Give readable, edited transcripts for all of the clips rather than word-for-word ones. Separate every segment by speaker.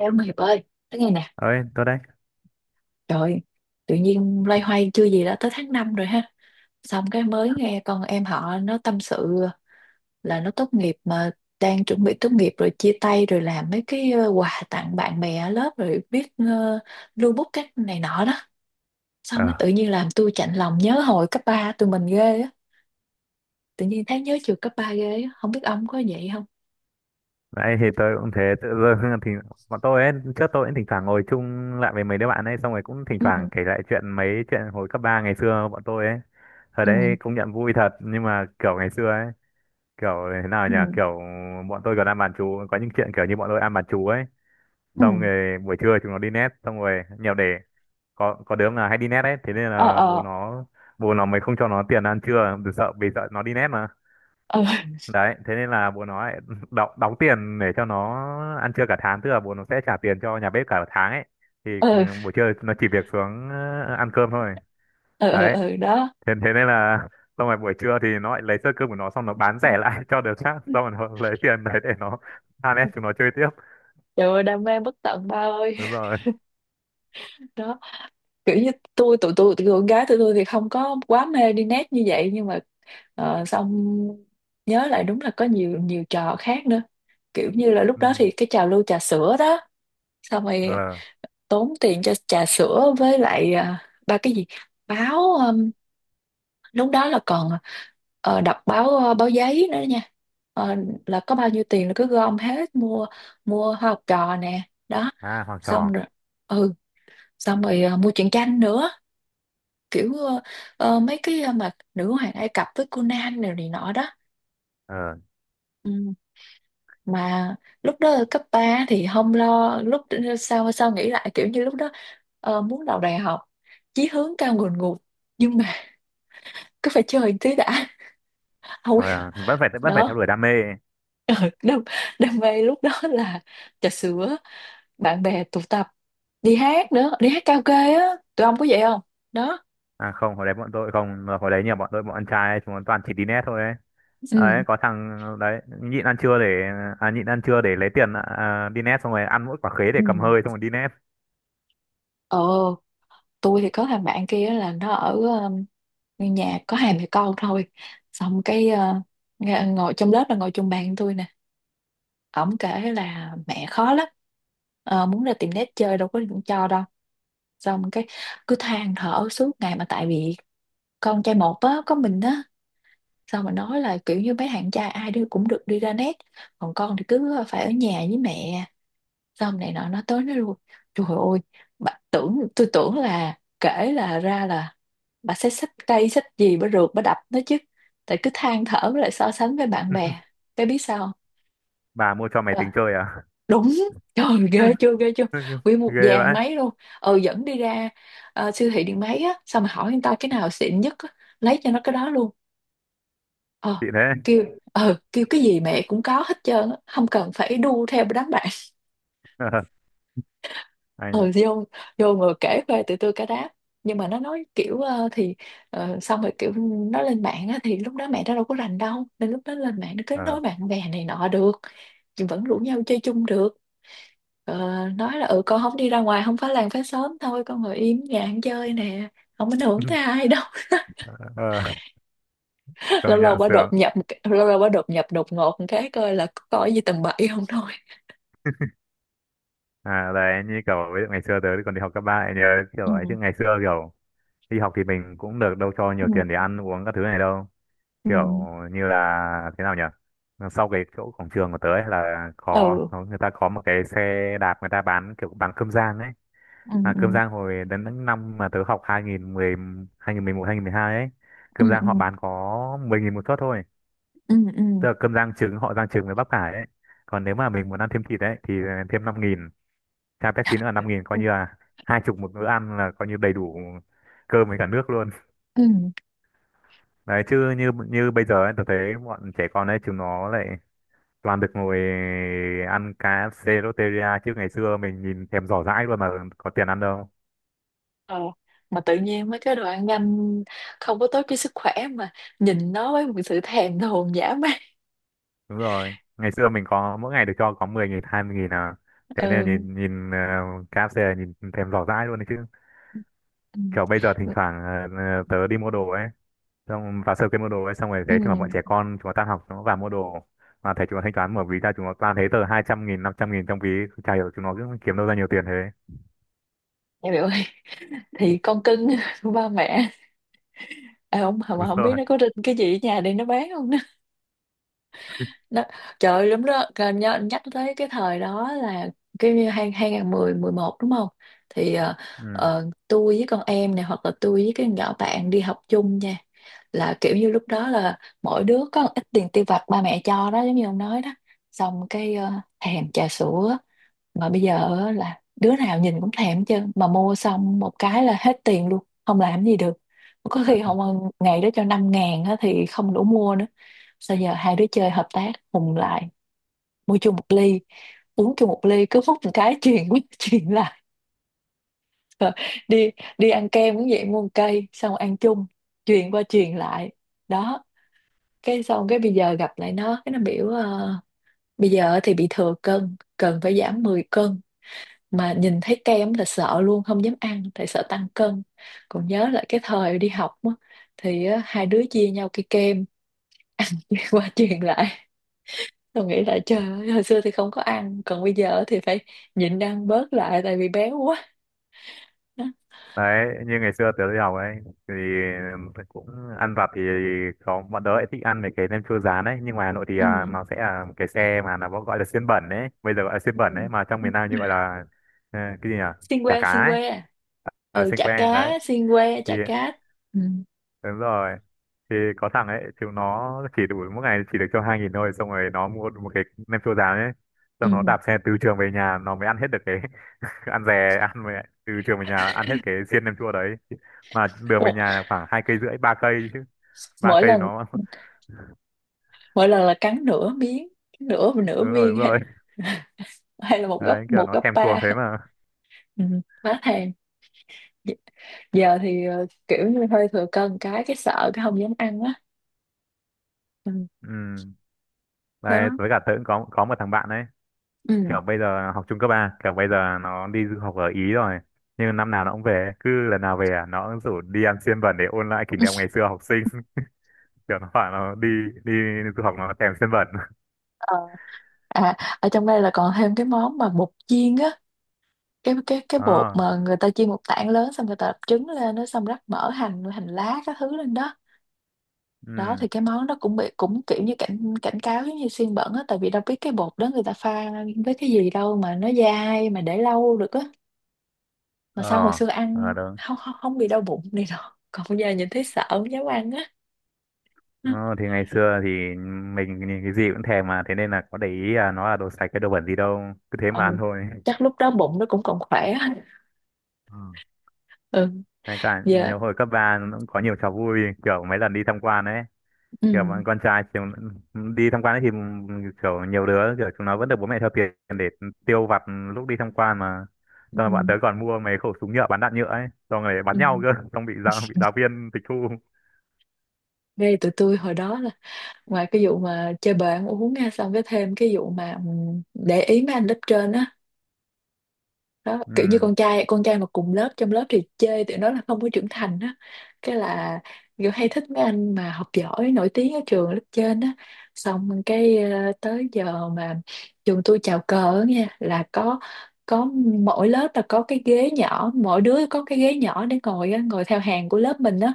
Speaker 1: Ê ông Hiệp ơi, nói nghe nè,
Speaker 2: Ơi tôi đấy.
Speaker 1: trời, ơi, tự nhiên loay hoay chưa gì đã tới tháng 5 rồi ha. Xong cái mới nghe con em họ nó tâm sự là nó tốt nghiệp mà đang chuẩn bị tốt nghiệp rồi chia tay rồi làm mấy cái quà tặng bạn bè ở lớp rồi viết lưu bút cái này nọ đó. Xong
Speaker 2: ờ
Speaker 1: cái tự nhiên làm tôi chạnh lòng nhớ hồi cấp ba tụi mình ghê á. Tự nhiên thấy nhớ trường cấp 3 ghê á, không biết ông có vậy không?
Speaker 2: Nãy thì tôi cũng thế, tự dưng thì bọn tôi ấy, trước tôi cũng thỉnh thoảng ngồi chung lại với mấy đứa bạn ấy, xong rồi cũng thỉnh
Speaker 1: Ừ,
Speaker 2: thoảng kể lại chuyện, mấy chuyện hồi cấp ba ngày xưa bọn tôi ấy. Thời
Speaker 1: ừ,
Speaker 2: đấy công nhận vui thật, nhưng mà kiểu ngày xưa ấy kiểu thế nào nhỉ,
Speaker 1: ừ,
Speaker 2: kiểu bọn tôi còn ăn bàn chú, có những chuyện kiểu như bọn tôi ăn bàn chú ấy,
Speaker 1: ừ,
Speaker 2: xong rồi buổi trưa chúng nó đi net, xong rồi nhiều để có đứa là hay đi net ấy, thế nên
Speaker 1: ờ,
Speaker 2: là bố
Speaker 1: ờ,
Speaker 2: nó bố nó mới không cho nó tiền ăn trưa, vì sợ nó đi net.
Speaker 1: ờ,
Speaker 2: Đấy thế nên là bố nó lại đóng tiền để cho nó ăn trưa cả tháng, tức là bố nó sẽ trả tiền cho nhà bếp cả tháng ấy thì
Speaker 1: ờ,
Speaker 2: buổi trưa nó chỉ việc xuống ăn cơm thôi.
Speaker 1: ờ ừ,
Speaker 2: Đấy
Speaker 1: ừ, đó.
Speaker 2: thế nên là xong rồi buổi trưa thì nó lại lấy sơ cơm của nó, xong nó bán rẻ lại cho đứa khác, xong rồi nó lấy tiền đấy để nó than ép chúng nó chơi tiếp.
Speaker 1: Trời ơi đam mê bất tận ba ơi.
Speaker 2: Đúng rồi.
Speaker 1: Đó, kiểu như tôi tụi con gái tụi tôi thì không có quá mê đi net như vậy, nhưng mà xong nhớ lại đúng là có nhiều nhiều trò khác nữa, kiểu như là lúc
Speaker 2: Ừ.
Speaker 1: đó thì cái trào lưu trà sữa đó. Xong rồi
Speaker 2: ờ
Speaker 1: tốn tiền cho trà sữa với lại à, ba cái gì báo lúc đó là còn đọc báo báo giấy nữa nha. Ờ, là có bao nhiêu tiền là cứ gom hết mua, mua Hoa Học Trò nè đó.
Speaker 2: À, học
Speaker 1: Xong
Speaker 2: trò.
Speaker 1: rồi ừ xong rồi mua truyện tranh nữa, kiểu mấy cái mà Nữ Hoàng Ai Cập với Conan này, này nọ đó.
Speaker 2: ờ
Speaker 1: Ừ. Mà lúc đó ở cấp 3 thì không lo, lúc sau sau nghĩ lại kiểu như lúc đó muốn vào đại học chí hướng cao ngùn ngụt, nhưng mà cứ phải chơi một tí đã, không biết.
Speaker 2: Rồi à, vẫn phải vẫn phải theo
Speaker 1: Đó.
Speaker 2: đuổi đam mê.
Speaker 1: Ờ, đam mê lúc đó là trà sữa, bạn bè tụ tập, đi hát nữa, đi hát karaoke á, tụi ông có vậy không đó?
Speaker 2: À không, hồi đấy bọn tôi không, hồi đấy nhiều bọn tôi bọn ăn trai ấy, chúng nó toàn chỉ đi net thôi ấy.
Speaker 1: Ừ
Speaker 2: Đấy, có thằng đấy nhịn ăn trưa để nhịn ăn trưa để lấy tiền đi net, xong rồi ăn mỗi quả khế để
Speaker 1: ừ
Speaker 2: cầm hơi, xong rồi đi net.
Speaker 1: ờ, tôi thì có thằng bạn kia là nó ở nhà có hai mẹ con thôi. Xong cái ờ, ngồi trong lớp là ngồi chung bàn với tôi nè, ổng kể là mẹ khó lắm. Ờ, muốn ra tiệm nét chơi đâu có cho đâu. Xong cái cứ than thở suốt ngày, mà tại vì con trai một á, có mình á. Xong mà nói là kiểu như mấy thằng trai ai đi cũng được đi ra nét, còn con thì cứ phải ở nhà với mẹ, xong này nọ, nó tới nó luôn. Trời ơi, bà tưởng, tôi tưởng là kể là ra là bà sẽ xách cây xách gì bà rượt bà đập nó chứ, tại cứ than thở với lại so sánh với bạn bè. Cái biết sao không?
Speaker 2: Bà mua cho mày
Speaker 1: Ờ,
Speaker 2: tính chơi à?
Speaker 1: đúng, trời, ghê chưa ghê chưa, nguyên một
Speaker 2: Ghê
Speaker 1: dàn
Speaker 2: vậy.
Speaker 1: máy luôn. Ừ dẫn đi ra ờ, siêu thị điện máy á, xong mà hỏi người ta cái nào xịn nhất á, lấy cho nó cái đó luôn. Ờ
Speaker 2: Chị thế.
Speaker 1: kêu, ờ kêu cái gì mẹ cũng có hết trơn á, không cần phải đu theo đám bạn. Ờ
Speaker 2: Anh ạ.
Speaker 1: vô, vô ngồi kể khoe từ từ cả đám. Nhưng mà nó nói kiểu xong rồi kiểu nó lên mạng á, thì lúc đó mẹ nó đâu có rành đâu, nên lúc đó lên mạng nó kết
Speaker 2: Ờ.
Speaker 1: nối bạn bè này nọ được, nhưng vẫn rủ nhau chơi chung được. Ờ, nói là ừ con không đi ra ngoài không phá làng phá xóm thôi, con ngồi im nhà ăn chơi nè, không ảnh hưởng tới ai đâu.
Speaker 2: Ờ, công
Speaker 1: lâu lâu
Speaker 2: nhận
Speaker 1: bà đột
Speaker 2: sướng.
Speaker 1: nhập một cái- Lâu lâu bà đột nhập đột ngột một cái coi là có gì tầm bậy không thôi.
Speaker 2: À đấy, như kiểu ví dụ ngày xưa tớ còn đi học cấp ba ấy, nhớ kiểu
Speaker 1: Ừ
Speaker 2: ấy, chứ ngày xưa kiểu đi học thì mình cũng được đâu cho nhiều tiền để
Speaker 1: ừ
Speaker 2: ăn uống các thứ này đâu,
Speaker 1: ừ
Speaker 2: kiểu như là thế nào nhỉ, sau cái chỗ cổng trường của tớ ấy là
Speaker 1: ừ
Speaker 2: người ta có một cái xe đạp, người ta bán kiểu bán cơm rang ấy, mà cơm
Speaker 1: ừ
Speaker 2: rang hồi đến những năm mà tớ học 2010 2011 2012 ấy,
Speaker 1: ừ
Speaker 2: cơm rang
Speaker 1: ừ
Speaker 2: họ bán có 10 nghìn một suất thôi, tức là
Speaker 1: ừ
Speaker 2: cơm rang trứng, họ rang trứng với bắp cải ấy, còn nếu mà mình muốn ăn thêm thịt ấy thì thêm 5 nghìn, chai Pepsi nữa là 5 nghìn, coi
Speaker 1: ừ
Speaker 2: như là hai chục một bữa ăn là coi như đầy đủ cơm với cả nước luôn.
Speaker 1: ừ.
Speaker 2: Đấy chứ như như bây giờ ấy, tớ thấy bọn trẻ con ấy chúng nó lại toàn được ngồi ăn cá KFC Lotteria, chứ ngày xưa mình nhìn thèm giỏ dãi luôn mà có tiền ăn đâu.
Speaker 1: Ờ, mà tự nhiên mấy cái đồ ăn nhanh không có tốt cho sức khỏe, mà nhìn nó với một sự thèm thuồng dã man.
Speaker 2: Đúng rồi, ngày xưa mình có mỗi ngày được cho có 10 nghìn 20 nghìn à, thế nên
Speaker 1: Ừ.
Speaker 2: nhìn nhìn KFC là nhìn thèm giỏ dãi luôn đấy chứ.
Speaker 1: Ừ.
Speaker 2: Kiểu bây giờ thỉnh thoảng tớ đi mua đồ ấy, xong vào sơ kia mua đồ ấy, xong rồi
Speaker 1: Ừ.
Speaker 2: thấy thì mà bọn trẻ con chúng nó tan học, chúng nó vào mua đồ, mà thấy chúng nó thanh toán mở ví ra, chúng nó toàn thấy tờ 200 nghìn 500 nghìn trong ví, chả hiểu chúng nó cứ kiếm đâu ra nhiều tiền thế.
Speaker 1: Dạ biểu ơi, thì con cưng của ba mẹ. À, không
Speaker 2: Đúng
Speaker 1: mà không biết
Speaker 2: rồi.
Speaker 1: nó có rinh cái gì ở nhà để nó bán không. Đó. Trời ơi, đúng đó. Rồi nhắc tới cái thời đó là cái như hai hai nghìn mười mười một đúng không thì
Speaker 2: Ừ.
Speaker 1: tôi với con em này hoặc là tôi với cái nhỏ bạn đi học chung nha, là kiểu như lúc đó là mỗi đứa có một ít tiền tiêu vặt ba mẹ cho đó, giống như ông nói đó. Xong cái ờ, thèm trà sữa, mà bây giờ á là đứa nào nhìn cũng thèm, chứ mà mua xong một cái là hết tiền luôn không làm gì được có khi không. Ngày đó cho 5.000 á thì không đủ mua nữa, sao giờ hai đứa chơi hợp tác hùng lại, mua chung một ly, uống chung một ly, cứ hút một cái chuyền qua chuyền lại. Rồi đi, đi ăn kem cũng vậy, mua một cây xong ăn chung, chuyền qua chuyền lại đó. Cái xong cái bây giờ gặp lại nó, cái nó biểu ờ, bây giờ thì bị thừa cân, cần phải giảm 10 cân, mà nhìn thấy kem là sợ luôn không dám ăn tại sợ tăng cân. Còn nhớ lại cái thời đi học á, thì á, hai đứa chia nhau cái kem ăn qua truyền lại. Tôi nghĩ là trời ơi, hồi xưa thì không có ăn, còn bây giờ thì phải nhịn ăn bớt lại tại vì béo quá. Đó.
Speaker 2: Đấy, như ngày xưa tớ đi học ấy thì cũng ăn vặt thì có, bọn tớ lại thích ăn mấy cái nem chua rán ấy, nhưng ngoài Hà Nội thì à,
Speaker 1: Ừ.
Speaker 2: nó sẽ là cái xe mà nó gọi là xiên bẩn ấy, bây giờ gọi là xiên
Speaker 1: Ừ.
Speaker 2: bẩn ấy, mà trong miền Nam như gọi là cái gì nhỉ,
Speaker 1: Xiên
Speaker 2: chả
Speaker 1: que,
Speaker 2: cá
Speaker 1: xiên
Speaker 2: ấy,
Speaker 1: que.
Speaker 2: ở
Speaker 1: Ừ
Speaker 2: xiên
Speaker 1: chả
Speaker 2: que
Speaker 1: cá
Speaker 2: đấy
Speaker 1: xiên que
Speaker 2: thì
Speaker 1: chả cá. Ừ.
Speaker 2: đúng rồi. Thì có thằng ấy chúng nó chỉ đủ mỗi ngày chỉ được cho 2 nghìn thôi, xong rồi nó mua được một cái nem chua rán ấy,
Speaker 1: Ừ.
Speaker 2: xong nó đạp xe từ trường về nhà nó mới ăn hết được cái, cứ ăn dè ăn, về từ trường về nhà ăn hết cái xiên nem chua đấy, mà đường
Speaker 1: Ủa,
Speaker 2: về nhà là khoảng hai cây rưỡi ba cây chứ, ba
Speaker 1: mỗi
Speaker 2: cây
Speaker 1: lần,
Speaker 2: nó
Speaker 1: mỗi lần là cắn nửa miếng, nửa nửa
Speaker 2: đúng rồi
Speaker 1: viên
Speaker 2: đúng
Speaker 1: hay,
Speaker 2: rồi.
Speaker 1: hay là một gấp,
Speaker 2: Đấy kiểu
Speaker 1: một
Speaker 2: nó
Speaker 1: gấp
Speaker 2: thèm thuồng
Speaker 1: ba?
Speaker 2: thế mà.
Speaker 1: Ừ. Má thèm, giờ thì ờ, kiểu như hơi thừa cân cái sợ cái không dám ăn á. Ừ.
Speaker 2: Ừ. Đấy
Speaker 1: Đó.
Speaker 2: với cả tớ cũng có một thằng bạn đấy,
Speaker 1: Ừ.
Speaker 2: kiểu bây giờ học trung cấp ba, kiểu bây giờ nó đi du học ở Ý rồi, nhưng năm nào nó cũng về, cứ lần nào về à, nó cũng rủ đi ăn xiên bẩn để ôn lại kỷ niệm ngày xưa học sinh. Kiểu nó bảo nó đi đi du học nó thèm xiên bẩn.
Speaker 1: Ờ, à ở trong đây là còn thêm cái món mà bột chiên á, cái bột
Speaker 2: Đó.
Speaker 1: mà người ta chiên một tảng lớn, xong người ta đập trứng lên nó, xong rắc mỡ hành, hành lá các thứ lên đó đó.
Speaker 2: Ừ.
Speaker 1: Thì cái món đó cũng bị cũng kiểu như cảnh cảnh cáo giống như xiên bẩn á, tại vì đâu biết cái bột đó người ta pha với cái gì đâu, mà nó dai mà để lâu được á. Mà sao hồi
Speaker 2: ờ
Speaker 1: xưa
Speaker 2: à,
Speaker 1: ăn không không không bị đau bụng này đâu, còn bây giờ nhìn thấy sợ không dám ăn á.
Speaker 2: Ờ, thì ngày xưa thì mình nhìn cái gì cũng thèm, mà thế nên là có để ý là nó là đồ sạch cái đồ bẩn gì đâu, cứ thế
Speaker 1: Ừ.
Speaker 2: mà ăn thôi.
Speaker 1: Chắc lúc đó bụng nó cũng còn khỏe á.
Speaker 2: Ừ.
Speaker 1: Ừ
Speaker 2: Ngay cả
Speaker 1: giờ
Speaker 2: nhiều hồi cấp 3 nó cũng có nhiều trò vui, kiểu mấy lần đi tham quan ấy, kiểu
Speaker 1: ừ.
Speaker 2: bọn con trai kiểu, đi tham quan ấy thì kiểu nhiều đứa kiểu chúng nó vẫn được bố mẹ cho tiền để tiêu vặt lúc đi tham quan mà,
Speaker 1: Ừ.
Speaker 2: xong rồi bọn tớ còn mua mấy khẩu súng nhựa bắn đạn nhựa ấy, xong rồi bắn
Speaker 1: Ừ.
Speaker 2: nhau cơ, xong bị giáo viên tịch thu.
Speaker 1: Ngay tụi tôi hồi đó là ngoài cái vụ mà chơi bời ăn uống nha, xong cái thêm cái vụ mà ừ, để ý mấy anh lớp trên á. Đó kiểu như
Speaker 2: Ừ.
Speaker 1: con trai mà cùng lớp, trong lớp thì chê tụi nó là không có trưởng thành á. Cái là kiểu hay thích mấy anh mà học giỏi nổi tiếng ở trường lớp trên á. Xong cái ờ, tới giờ mà trường tôi chào cờ á nha là có mỗi lớp là có cái ghế nhỏ, mỗi đứa có cái ghế nhỏ để ngồi á, ngồi theo hàng của lớp mình á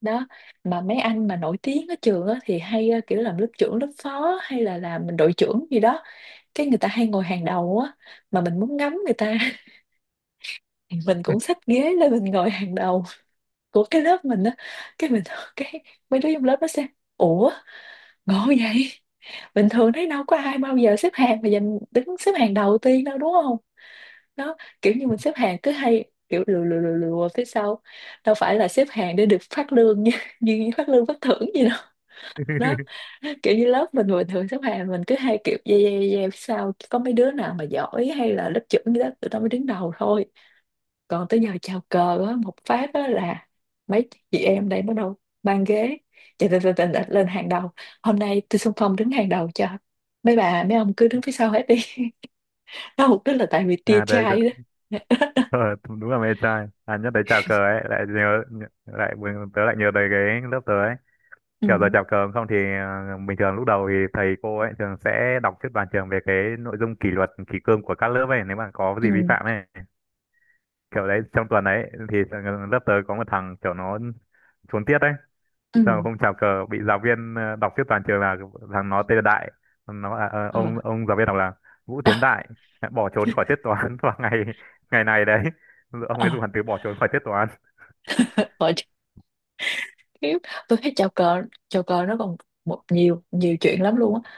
Speaker 1: đó. Mà mấy anh mà nổi tiếng ở trường á thì hay ờ, kiểu làm lớp trưởng lớp phó hay là làm đội trưởng gì đó, cái người ta hay ngồi hàng đầu á. Mà mình muốn ngắm người ta thì mình cũng xách ghế lên mình ngồi hàng đầu của cái lớp mình á. Cái mình cái Mấy đứa trong lớp nó xem, ủa ngộ vậy, bình thường thấy đâu có ai bao giờ xếp hàng mà giành đứng xếp hàng đầu tiên đâu đúng không. Nó kiểu như mình xếp hàng cứ hay kiểu lừa lừa lừa lừa phía sau, đâu phải là xếp hàng để được phát lương như, như phát lương phát thưởng gì đâu. Đó kiểu như lớp mình bình thường xếp hàng mình cứ hay kiểu yeah, yeah, yeah, phía sau, có mấy đứa nào mà giỏi hay là lớp trưởng gì đó tụi nó mới đứng đầu thôi. Còn tới giờ chào cờ á, một phát á là mấy chị em đây bắt đầu bàn ghế chạy chạy chạy lên hàng đầu, hôm nay tôi xung phong đứng hàng đầu cho, mấy bà mấy ông cứ đứng phía sau hết đi. Đó mục đích là tại vì tia
Speaker 2: À đấy.
Speaker 1: chai đó.
Speaker 2: Ờ, đúng là mê trai, à nhắc tới chào cờ ấy lại nhớ, lại tớ lại nhớ tới cái lớp tớ ấy, kiểu giờ
Speaker 1: Ừ
Speaker 2: chào cờ không thì bình thường lúc đầu thì thầy cô ấy thường sẽ đọc trước toàn trường về cái nội dung kỷ luật kỷ cương của các lớp ấy, nếu mà có
Speaker 1: ừ
Speaker 2: gì vi phạm ấy, kiểu đấy trong tuần ấy thì lớp tớ có một thằng kiểu nó trốn tiết ấy.
Speaker 1: ừ
Speaker 2: Sao không chào cờ, bị giáo viên đọc trước toàn trường là thằng nó tên là Đại, nó bảo là
Speaker 1: ờ
Speaker 2: ông giáo viên đọc là Vũ Tiến Đại đã bỏ trốn khỏi tiết toán vào ngày ngày này đấy, ông
Speaker 1: ờ
Speaker 2: ấy dùng hẳn từ bỏ trốn khỏi tiết toán.
Speaker 1: ờ chắc khiếp. Tôi thấy chào cờ, chào cờ nó còn một nhiều nhiều chuyện lắm luôn á.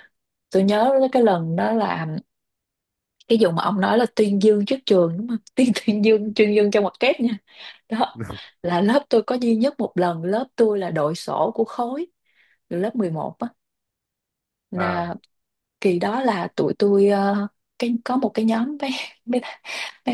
Speaker 1: Tôi nhớ là cái lần đó là cái vụ mà ông nói là tuyên dương trước trường đúng không, tuyên tuyên dương trong mặt kép nha. Đó là lớp tôi có duy nhất một lần lớp tôi là đội sổ của khối từ lớp 11 á,
Speaker 2: ờ
Speaker 1: là kỳ đó là tụi tôi ờ, cái có một cái nhóm mấy mấy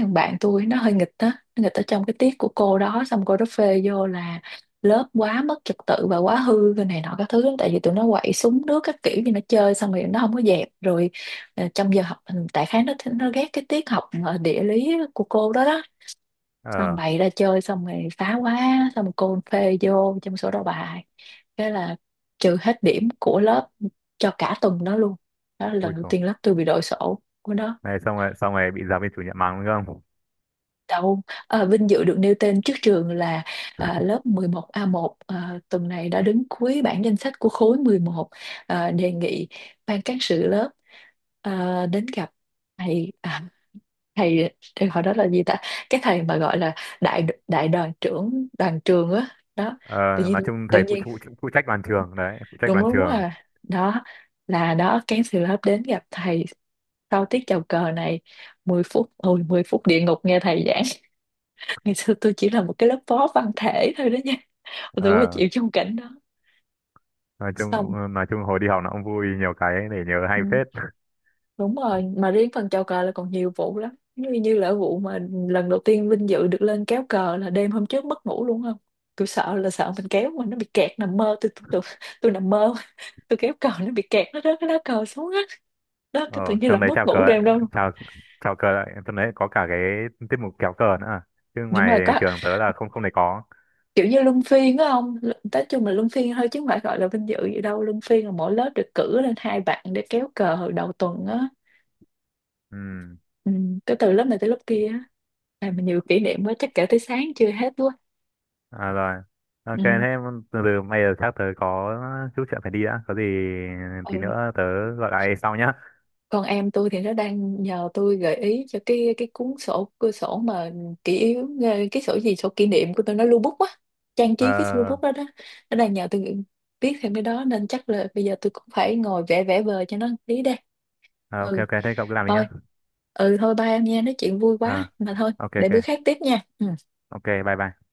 Speaker 1: thằng bạn tôi nó hơi nghịch á, nó nghịch ở trong cái tiết của cô đó, xong cô đó phê vô là lớp quá mất trật tự và quá hư cái này nọ các thứ, tại vì tụi nó quậy súng nước các kiểu như nó chơi xong rồi nó không có dẹp rồi ờ, trong giờ học tại khá nó ghét cái tiết học ờ, địa lý của cô đó đó. Xong
Speaker 2: ờ
Speaker 1: bày ra chơi xong rồi phá quá, xong rồi cô phê vô trong sổ đầu bài, thế là trừ hết điểm của lớp cho cả tuần đó luôn. Đó là lần
Speaker 2: Ui
Speaker 1: đầu
Speaker 2: xong
Speaker 1: tiên lớp tôi bị đội sổ của nó
Speaker 2: này, xong rồi bị giáo viên chủ nhiệm mắng đúng không?
Speaker 1: đâu. À, vinh dự được nêu tên trước trường là à, lớp 11A1 à, tuần này đã đứng cuối bảng danh sách của khối 11, à, đề nghị ban cán sự lớp à, đến gặp thầy à, thầy thầy hồi đó là gì ta, cái thầy mà gọi là đại đại đoàn trưởng đoàn trường á đó.
Speaker 2: ờ,
Speaker 1: Tự nhiên,
Speaker 2: nói chung
Speaker 1: tự
Speaker 2: thầy phụ,
Speaker 1: nhiên
Speaker 2: phụ phụ trách đoàn trường, đấy phụ trách
Speaker 1: đúng
Speaker 2: đoàn
Speaker 1: đúng
Speaker 2: trường.
Speaker 1: à đó là đó cancel lớp đến gặp thầy sau tiết chào cờ này, 10 phút, ôi 10 phút địa ngục nghe thầy giảng. Ngày xưa tôi chỉ là một cái lớp phó văn thể thôi đó nha, tôi qua
Speaker 2: ờ,
Speaker 1: chịu trong cảnh đó.
Speaker 2: nói chung
Speaker 1: Xong
Speaker 2: nói chung hồi đi học nó cũng vui, nhiều cái để nhớ hay
Speaker 1: ừ.
Speaker 2: phết.
Speaker 1: Đúng rồi, mà riêng phần chào cờ là còn nhiều vụ lắm. Như như là vụ mà lần đầu tiên vinh dự được lên kéo cờ là đêm hôm trước mất ngủ luôn không? Tôi sợ là sợ mình kéo mà nó bị kẹt, nằm mơ tôi nằm mơ tôi kéo cờ nó bị kẹt nó rớt cái lá cờ xuống á. Đó
Speaker 2: Ờ,
Speaker 1: cái tự nhiên là
Speaker 2: trong đấy
Speaker 1: mất
Speaker 2: chào cờ,
Speaker 1: ngủ đêm đâu.
Speaker 2: chào chào cờ lại, trong đấy có cả cái tiết mục kéo cờ nữa à. Chứ
Speaker 1: Đúng
Speaker 2: ngoài
Speaker 1: rồi có,
Speaker 2: trường tớ là không không thể có.
Speaker 1: kiểu như luân phiên á không? Nói chung là luân phiên thôi chứ không phải gọi là vinh dự gì đâu. Luân phiên là mỗi lớp được cử lên 2 bạn để kéo cờ hồi đầu tuần á.
Speaker 2: Ừ,
Speaker 1: Ừ, cái từ lớp này tới lớp kia á. À, mà nhiều kỷ niệm quá chắc kể tới sáng chưa hết quá.
Speaker 2: à, rồi. Ok,
Speaker 1: Ừ.
Speaker 2: thế từ từ bây giờ chắc tớ có chút chuyện phải đi đã. Có gì
Speaker 1: Ừ.
Speaker 2: thì nữa tớ gọi lại sau nhá.
Speaker 1: Còn em tôi thì nó đang nhờ tôi gợi ý cho cái cuốn sổ, cái sổ mà kỷ yếu ờ, cái sổ gì sổ kỷ niệm của tôi, nó lưu bút á, trang
Speaker 2: Ờ,
Speaker 1: trí cái lưu bút đó đó. Nó đang nhờ tôi viết thêm cái đó nên chắc là bây giờ tôi cũng phải ngồi vẽ vẽ vời cho nó tí đây.
Speaker 2: ờ, ok
Speaker 1: Ừ
Speaker 2: ok, thế cậu cứ làm đi
Speaker 1: thôi,
Speaker 2: nhá.
Speaker 1: ừ thôi ba em nha, nói chuyện vui quá
Speaker 2: Ờ,
Speaker 1: mà thôi
Speaker 2: ok
Speaker 1: để bữa
Speaker 2: ok,
Speaker 1: khác tiếp nha ừ.
Speaker 2: ok, bye bye.